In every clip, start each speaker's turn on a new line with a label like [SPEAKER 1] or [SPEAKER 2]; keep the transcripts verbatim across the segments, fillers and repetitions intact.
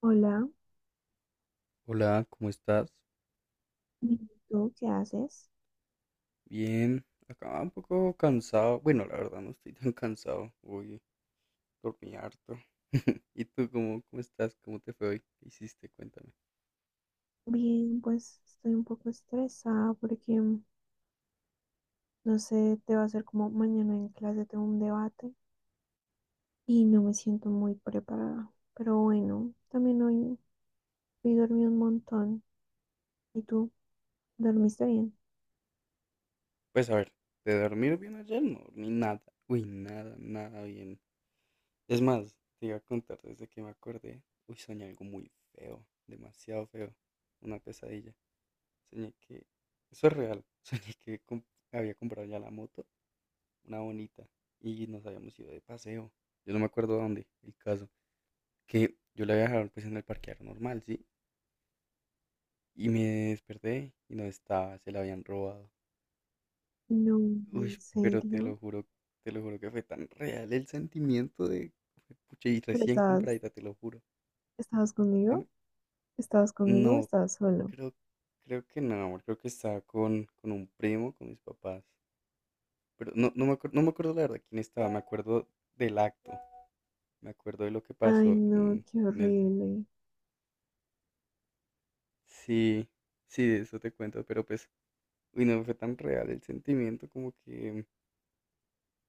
[SPEAKER 1] Hola,
[SPEAKER 2] Hola, ¿cómo estás?
[SPEAKER 1] ¿y tú qué haces?
[SPEAKER 2] Bien, acá un poco cansado. Bueno, la verdad no estoy tan cansado. Hoy dormí harto. ¿Y tú cómo, cómo estás? ¿Cómo te fue hoy? ¿Qué hiciste? Cuéntame.
[SPEAKER 1] Bien, pues estoy un poco estresada porque, mm, no sé, te va a ser como mañana en clase tengo un debate y no me siento muy preparada. Pero bueno, también hoy, hoy dormí un montón. ¿Y tú? ¿Dormiste bien?
[SPEAKER 2] Pues a ver, de dormir bien ayer no dormí nada. Uy, nada, nada bien. Es más, te iba a contar desde que me acordé. Uy, soñé algo muy feo, demasiado feo. Una pesadilla. Soñé que. Eso es real. Soñé que comp- había comprado ya la moto. Una bonita, y nos habíamos ido de paseo. Yo no me acuerdo dónde, el caso. Que yo la había dejado pues en el parqueadero normal, ¿sí? Y me desperté y no estaba, se la habían robado.
[SPEAKER 1] No,
[SPEAKER 2] Uy,
[SPEAKER 1] en
[SPEAKER 2] pero te
[SPEAKER 1] serio.
[SPEAKER 2] lo juro, te lo juro que fue tan real el sentimiento de, pucha, y
[SPEAKER 1] ¿Pero
[SPEAKER 2] recién
[SPEAKER 1] estabas,
[SPEAKER 2] compradita, te lo juro.
[SPEAKER 1] estabas conmigo?
[SPEAKER 2] Dime.
[SPEAKER 1] ¿Estabas conmigo o
[SPEAKER 2] No,
[SPEAKER 1] estabas solo?
[SPEAKER 2] creo, creo que no, amor, creo que estaba con, con un primo, con mis papás. Pero no, no me acuerdo, no me acuerdo la verdad quién estaba, me acuerdo del acto, me acuerdo de lo que
[SPEAKER 1] Ay,
[SPEAKER 2] pasó
[SPEAKER 1] no,
[SPEAKER 2] en,
[SPEAKER 1] qué
[SPEAKER 2] en eso.
[SPEAKER 1] horrible.
[SPEAKER 2] Sí, sí, de eso te cuento, pero pues, uy, no fue tan real el sentimiento, como que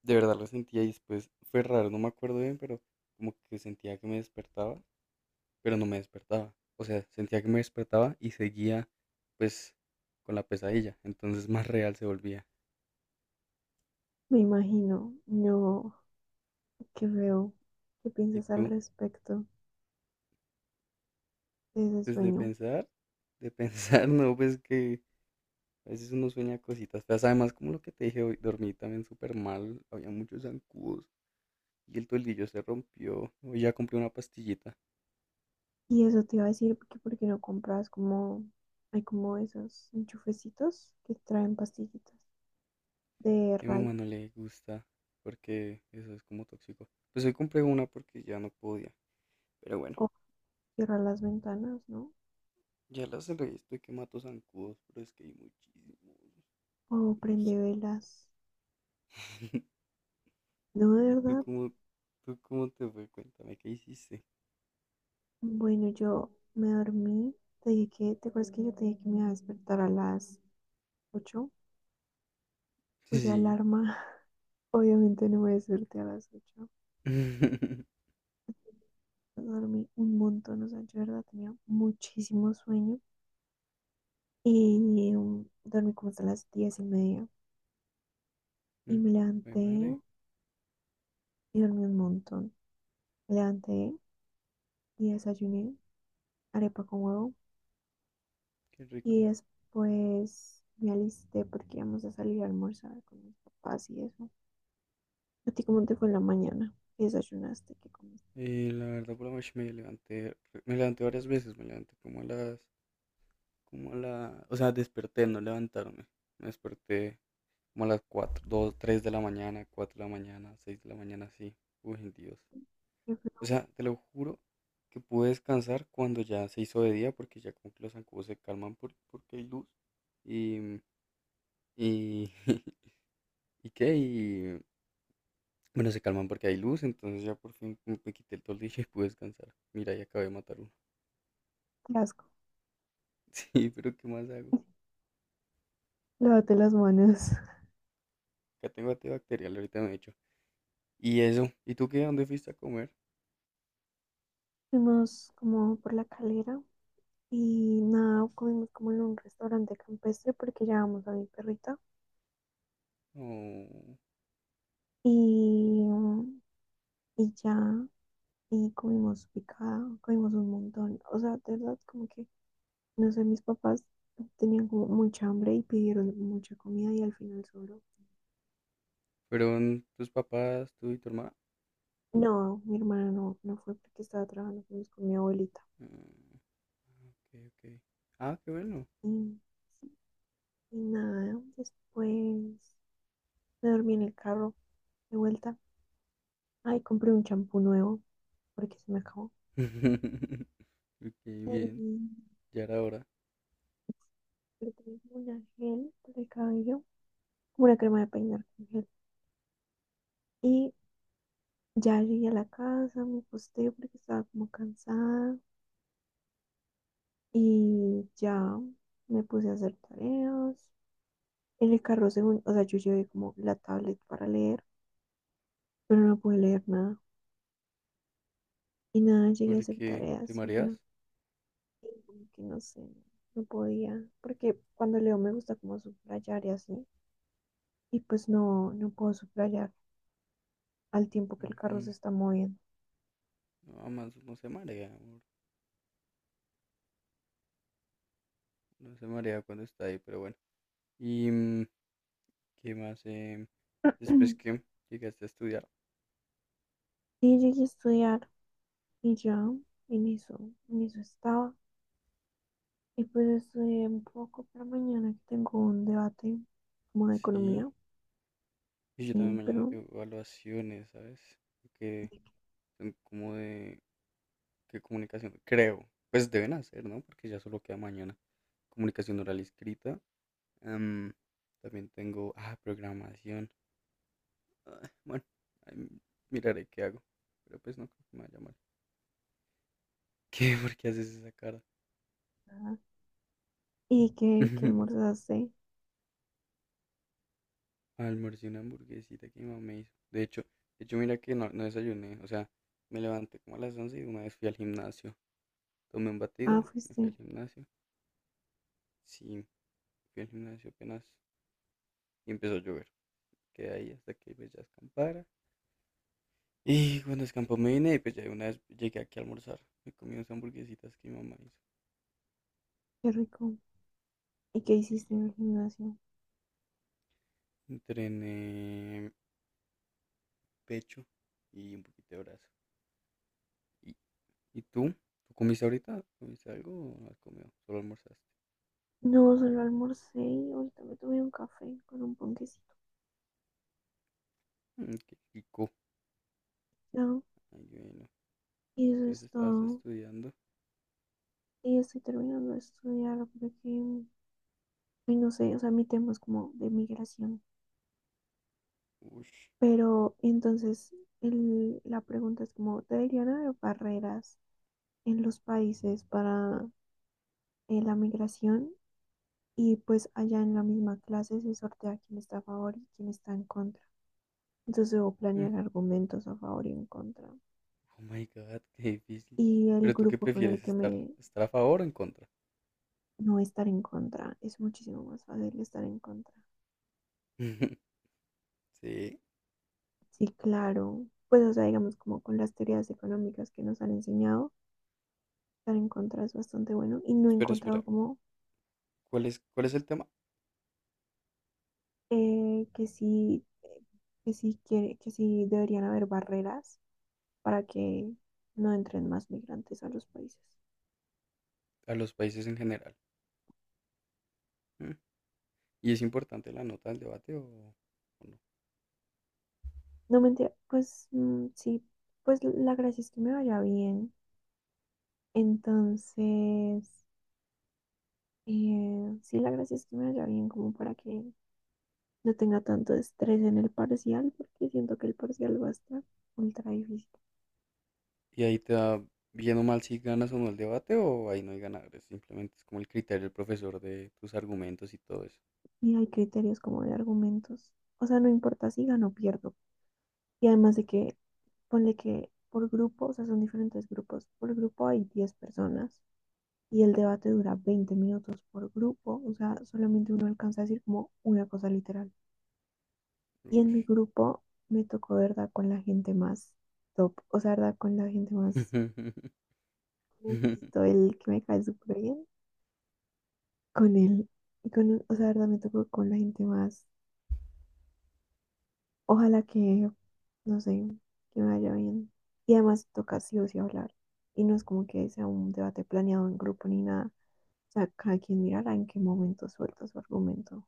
[SPEAKER 2] de verdad lo sentía y después fue raro, no me acuerdo bien, pero como que sentía que me despertaba, pero no me despertaba. O sea, sentía que me despertaba y seguía pues con la pesadilla, entonces más real se volvía.
[SPEAKER 1] Me imagino. No, qué feo. ¿Qué
[SPEAKER 2] ¿Y
[SPEAKER 1] piensas al
[SPEAKER 2] tú?
[SPEAKER 1] respecto de ese
[SPEAKER 2] Pues de
[SPEAKER 1] sueño?
[SPEAKER 2] pensar, de pensar, no, pues que a veces uno sueña cositas feas, además como lo que te dije hoy, dormí también súper mal, había muchos zancudos. Y el toldillo se rompió. Hoy ya compré una pastillita. Es
[SPEAKER 1] Y eso te iba a decir que por qué no compras como, hay como esos enchufecitos que traen pastillitas de
[SPEAKER 2] que a mi
[SPEAKER 1] ray,
[SPEAKER 2] mamá no le gusta porque eso es como tóxico. Pues hoy compré una porque ya no podía. Pero bueno,
[SPEAKER 1] o cierra las ventanas, ¿no?
[SPEAKER 2] ya las del resto y que mato zancudos, pero es que hay muchísimos.
[SPEAKER 1] O
[SPEAKER 2] Yo no
[SPEAKER 1] prende
[SPEAKER 2] sé.
[SPEAKER 1] velas. No, de
[SPEAKER 2] ¿Y tú
[SPEAKER 1] verdad.
[SPEAKER 2] cómo, tú cómo te fue? Cuéntame, ¿qué hiciste?
[SPEAKER 1] Bueno, yo me dormí. Te dije que, ¿te acuerdas que yo te dije que me iba a despertar a las ocho? Puse
[SPEAKER 2] Sí.
[SPEAKER 1] alarma. Obviamente no me desperté a las ocho. Dormí un montón, o sea, yo de verdad tenía muchísimo sueño. Y um, dormí como hasta las diez y media. Y me
[SPEAKER 2] Ay,
[SPEAKER 1] levanté
[SPEAKER 2] madre,
[SPEAKER 1] y dormí un montón. Me levanté y desayuné arepa con huevo.
[SPEAKER 2] qué
[SPEAKER 1] Y
[SPEAKER 2] rico.
[SPEAKER 1] después me alisté porque íbamos a salir a almorzar con mis papás y eso. ¿A ti cómo te fue en la mañana? ¿Qué desayunaste? ¿Qué comiste?
[SPEAKER 2] Eh, la verdad, por la noche me levanté, me levanté varias veces, me levanté como a las, como a la, o sea, desperté, no levantarme. Me desperté como a las cuatro dos tres de la mañana, cuatro de la mañana, seis de la mañana, sí. Uy, Dios.
[SPEAKER 1] ¿Qué fue?
[SPEAKER 2] O sea, te lo juro que pude descansar cuando ya se hizo de día, porque ya como que los zancudos se calman por- porque hay luz. Y, mm, y, ¿y qué? Y, bueno, se calman porque hay luz, entonces ya por fin como me quité el toldillo y pude descansar. Mira, ya acabé de matar uno.
[SPEAKER 1] Qué asco.
[SPEAKER 2] Sí, pero ¿qué más hago?
[SPEAKER 1] Lávate las manos.
[SPEAKER 2] Acá tengo antibacterial, ahorita me he hecho. Y eso, ¿y tú qué? ¿Dónde fuiste a comer?
[SPEAKER 1] Fuimos como por la calera y nada, comimos como en un restaurante campestre porque llevamos a mi perrita.
[SPEAKER 2] ¿O
[SPEAKER 1] Y, y ya. Y comimos picado, comimos un montón. O sea, de verdad, como que, no sé, mis papás tenían como mucha hambre y pidieron mucha comida y al final solo.
[SPEAKER 2] fueron tus papás, tú y tu hermana?
[SPEAKER 1] No, mi hermana no, no fue porque estaba trabajando, fuimos con mi abuelita.
[SPEAKER 2] Mm. Ok, ok. Ah, qué bueno.
[SPEAKER 1] Y, y nada, después me dormí en el carro de vuelta. Ay, compré un champú nuevo porque se me acabó.
[SPEAKER 2] Ok,
[SPEAKER 1] Y
[SPEAKER 2] bien. Ya era hora.
[SPEAKER 1] compré una gel para el cabello, como una crema de peinar con gel. Y ya llegué a la casa, me acosté porque estaba como cansada y ya me puse a hacer tareas. En el carro, según, o sea, yo llevé como la tablet para leer, pero no pude leer nada. Y nada, llegué a hacer
[SPEAKER 2] Porque te
[SPEAKER 1] tareas y ya,
[SPEAKER 2] mareas.
[SPEAKER 1] y como que no sé, no podía, porque cuando leo me gusta como subrayar y así, y pues no, no puedo subrayar al tiempo que el carro
[SPEAKER 2] Mm,
[SPEAKER 1] se está moviendo.
[SPEAKER 2] No, más no se marea, amor. No se marea cuando está ahí, pero bueno. ¿Y mm, qué más? Em, después que llegaste a estudiar.
[SPEAKER 1] Y llegué a estudiar y ya, en eso, en eso estaba. Y pues estudié un poco para mañana que tengo un debate como de
[SPEAKER 2] Sí.
[SPEAKER 1] economía.
[SPEAKER 2] Y yo también
[SPEAKER 1] Sí,
[SPEAKER 2] mañana
[SPEAKER 1] pero
[SPEAKER 2] tengo evaluaciones, ¿sabes?
[SPEAKER 1] ¿de
[SPEAKER 2] Que
[SPEAKER 1] qué
[SPEAKER 2] son como de. ¿Qué comunicación? Creo. Pues deben hacer, ¿no? Porque ya solo queda mañana. Comunicación oral y escrita. Em, También tengo. Ah, programación. Ah, bueno, ahí miraré qué hago. Pero pues no creo que me vaya mal. ¿Qué? ¿Por qué haces esa cara?
[SPEAKER 1] va? ¿Y qué, qué almorzaste?
[SPEAKER 2] Almorcé una hamburguesita que mi mamá me hizo. De hecho, de hecho, mira que no, no desayuné. O sea, me levanté como a las once y de una vez fui al gimnasio. Tomé un
[SPEAKER 1] Ah,
[SPEAKER 2] batido, me fui
[SPEAKER 1] fuiste.
[SPEAKER 2] al gimnasio. Sí, fui al gimnasio apenas y empezó a llover. Quedé ahí hasta que pues, ya escampara. Y cuando escampó me vine y pues ya de una vez llegué aquí a almorzar. Me comí unas hamburguesitas que mi mamá hizo.
[SPEAKER 1] Qué rico. ¿Y qué
[SPEAKER 2] Y
[SPEAKER 1] hiciste en el gimnasio?
[SPEAKER 2] entrené pecho y un poquito de brazo. ¿Y, y tú? ¿Tú comiste ahorita? ¿Comiste algo o no has comido? Solo almorzaste.
[SPEAKER 1] No, solo almorcé y ahorita me tomé un café con un ponquecito.
[SPEAKER 2] Mm, qué rico.
[SPEAKER 1] Ya,
[SPEAKER 2] Ay, bueno.
[SPEAKER 1] y eso es
[SPEAKER 2] Entonces estabas
[SPEAKER 1] todo.
[SPEAKER 2] estudiando.
[SPEAKER 1] Y estoy terminando de estudiar porque, ay, no sé, o sea, mi tema es como de migración.
[SPEAKER 2] Ush.
[SPEAKER 1] Pero entonces el- la pregunta es como, ¿deberían haber barreras en los países para, eh, la migración? Y pues allá en la misma clase se sortea quién está a favor y quién está en contra. Entonces debo
[SPEAKER 2] Mm,
[SPEAKER 1] planear argumentos a favor y en contra.
[SPEAKER 2] Oh my God, qué difícil.
[SPEAKER 1] Y el
[SPEAKER 2] ¿Pero tú qué
[SPEAKER 1] grupo con el
[SPEAKER 2] prefieres?
[SPEAKER 1] que
[SPEAKER 2] ¿Estar,
[SPEAKER 1] me
[SPEAKER 2] estar a favor o en contra?
[SPEAKER 1] No, estar en contra es muchísimo más fácil, estar en contra.
[SPEAKER 2] Sí.
[SPEAKER 1] Sí, claro. Pues o sea, digamos como con las teorías económicas que nos han enseñado, estar en contra es bastante bueno y no he
[SPEAKER 2] Espera,
[SPEAKER 1] encontrado
[SPEAKER 2] espera.
[SPEAKER 1] como
[SPEAKER 2] ¿Cuál es, cuál es el tema?
[SPEAKER 1] eh, que sí que sí quiere, que sí deberían haber barreras para que no entren más migrantes a los países.
[SPEAKER 2] A los países en general. Mm, ¿Y es importante la nota del debate o, o no?
[SPEAKER 1] No mentira, pues mm, sí, pues la gracia es que me vaya bien. Entonces, eh, sí, la gracia es que me vaya bien como para que no tenga tanto estrés en el parcial, porque siento que el parcial va a estar ultra difícil.
[SPEAKER 2] Y ahí te da bien o mal si ganas o no el debate o ahí no hay ganadores. Simplemente es como el criterio del profesor de tus argumentos y todo eso.
[SPEAKER 1] Y hay criterios como de argumentos. O sea, no importa si gano o pierdo. Y además de que, ponle que por grupo, o sea, son diferentes grupos. Por grupo hay diez personas y el debate dura veinte minutos por grupo, o sea, solamente uno alcanza a decir como una cosa literal. Y en mi
[SPEAKER 2] Ush.
[SPEAKER 1] grupo me tocó, ¿verdad?, con la gente más top, o sea, ¿verdad?, con la gente más, todo el que me cae súper bien, con él, y con él, o sea, ¿verdad?, me tocó con la gente más, ojalá que, no sé, que me vaya bien. Y además toca sí o sí hablar, y no es como que sea un debate planeado en grupo ni nada, o sea, cada quien mirará en qué momento suelta su argumento.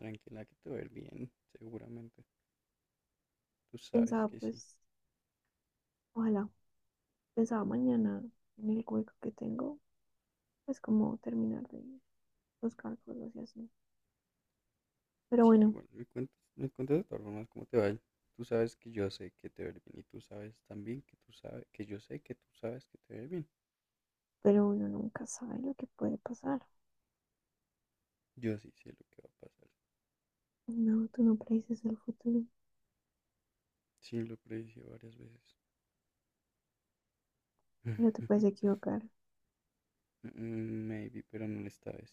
[SPEAKER 2] Tranquila que te va a ir bien, seguramente. Tú sabes
[SPEAKER 1] Pensaba,
[SPEAKER 2] que sí.
[SPEAKER 1] pues, ojalá, pensaba mañana en el hueco que tengo, pues como terminar de buscar cosas y así. Pero
[SPEAKER 2] Sí,
[SPEAKER 1] bueno,
[SPEAKER 2] bueno, me cuentas, me cuentas de todas formas cómo te va. Tú sabes que yo sé que te va a ir bien y tú sabes también que tú sabes que yo sé que tú sabes que te va a ir bien.
[SPEAKER 1] pero uno nunca sabe lo que puede pasar.
[SPEAKER 2] Yo sí sé lo que va a pasar.
[SPEAKER 1] No, tú no predices el futuro,
[SPEAKER 2] Sí, lo predije varias veces.
[SPEAKER 1] pero te puedes equivocar.
[SPEAKER 2] Mm, Maybe, pero no esta vez.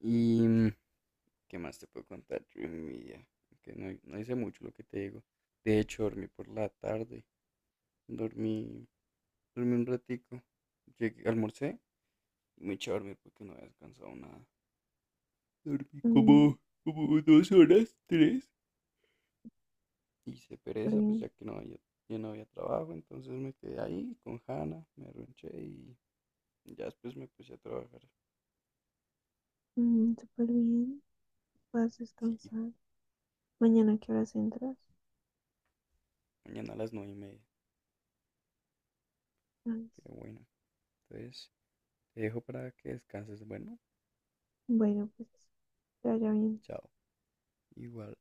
[SPEAKER 2] Y mm, ¿qué más te puedo contar? Dreamy, ya, que no, no hice mucho lo que te digo. De hecho, dormí por la tarde. Dormí, dormí un ratico. Llegué, almorcé y me eché a dormir porque no había descansado nada. Dormí
[SPEAKER 1] Mm,
[SPEAKER 2] como, como dos horas, tres. Hice
[SPEAKER 1] súper
[SPEAKER 2] pereza, pues
[SPEAKER 1] bien.
[SPEAKER 2] ya que no había, ya no había trabajo. Entonces me quedé ahí con Hanna, me arronché y ya después me puse a trabajar.
[SPEAKER 1] Mm, súper bien. Puedes
[SPEAKER 2] Sí,
[SPEAKER 1] descansar. Mañana, ¿a qué horas entras?
[SPEAKER 2] mañana a las nueve y media.
[SPEAKER 1] Nice.
[SPEAKER 2] Qué bueno. Entonces, te dejo para que descanses. Bueno,
[SPEAKER 1] Bueno, pues que vaya bien.
[SPEAKER 2] chao. Igual.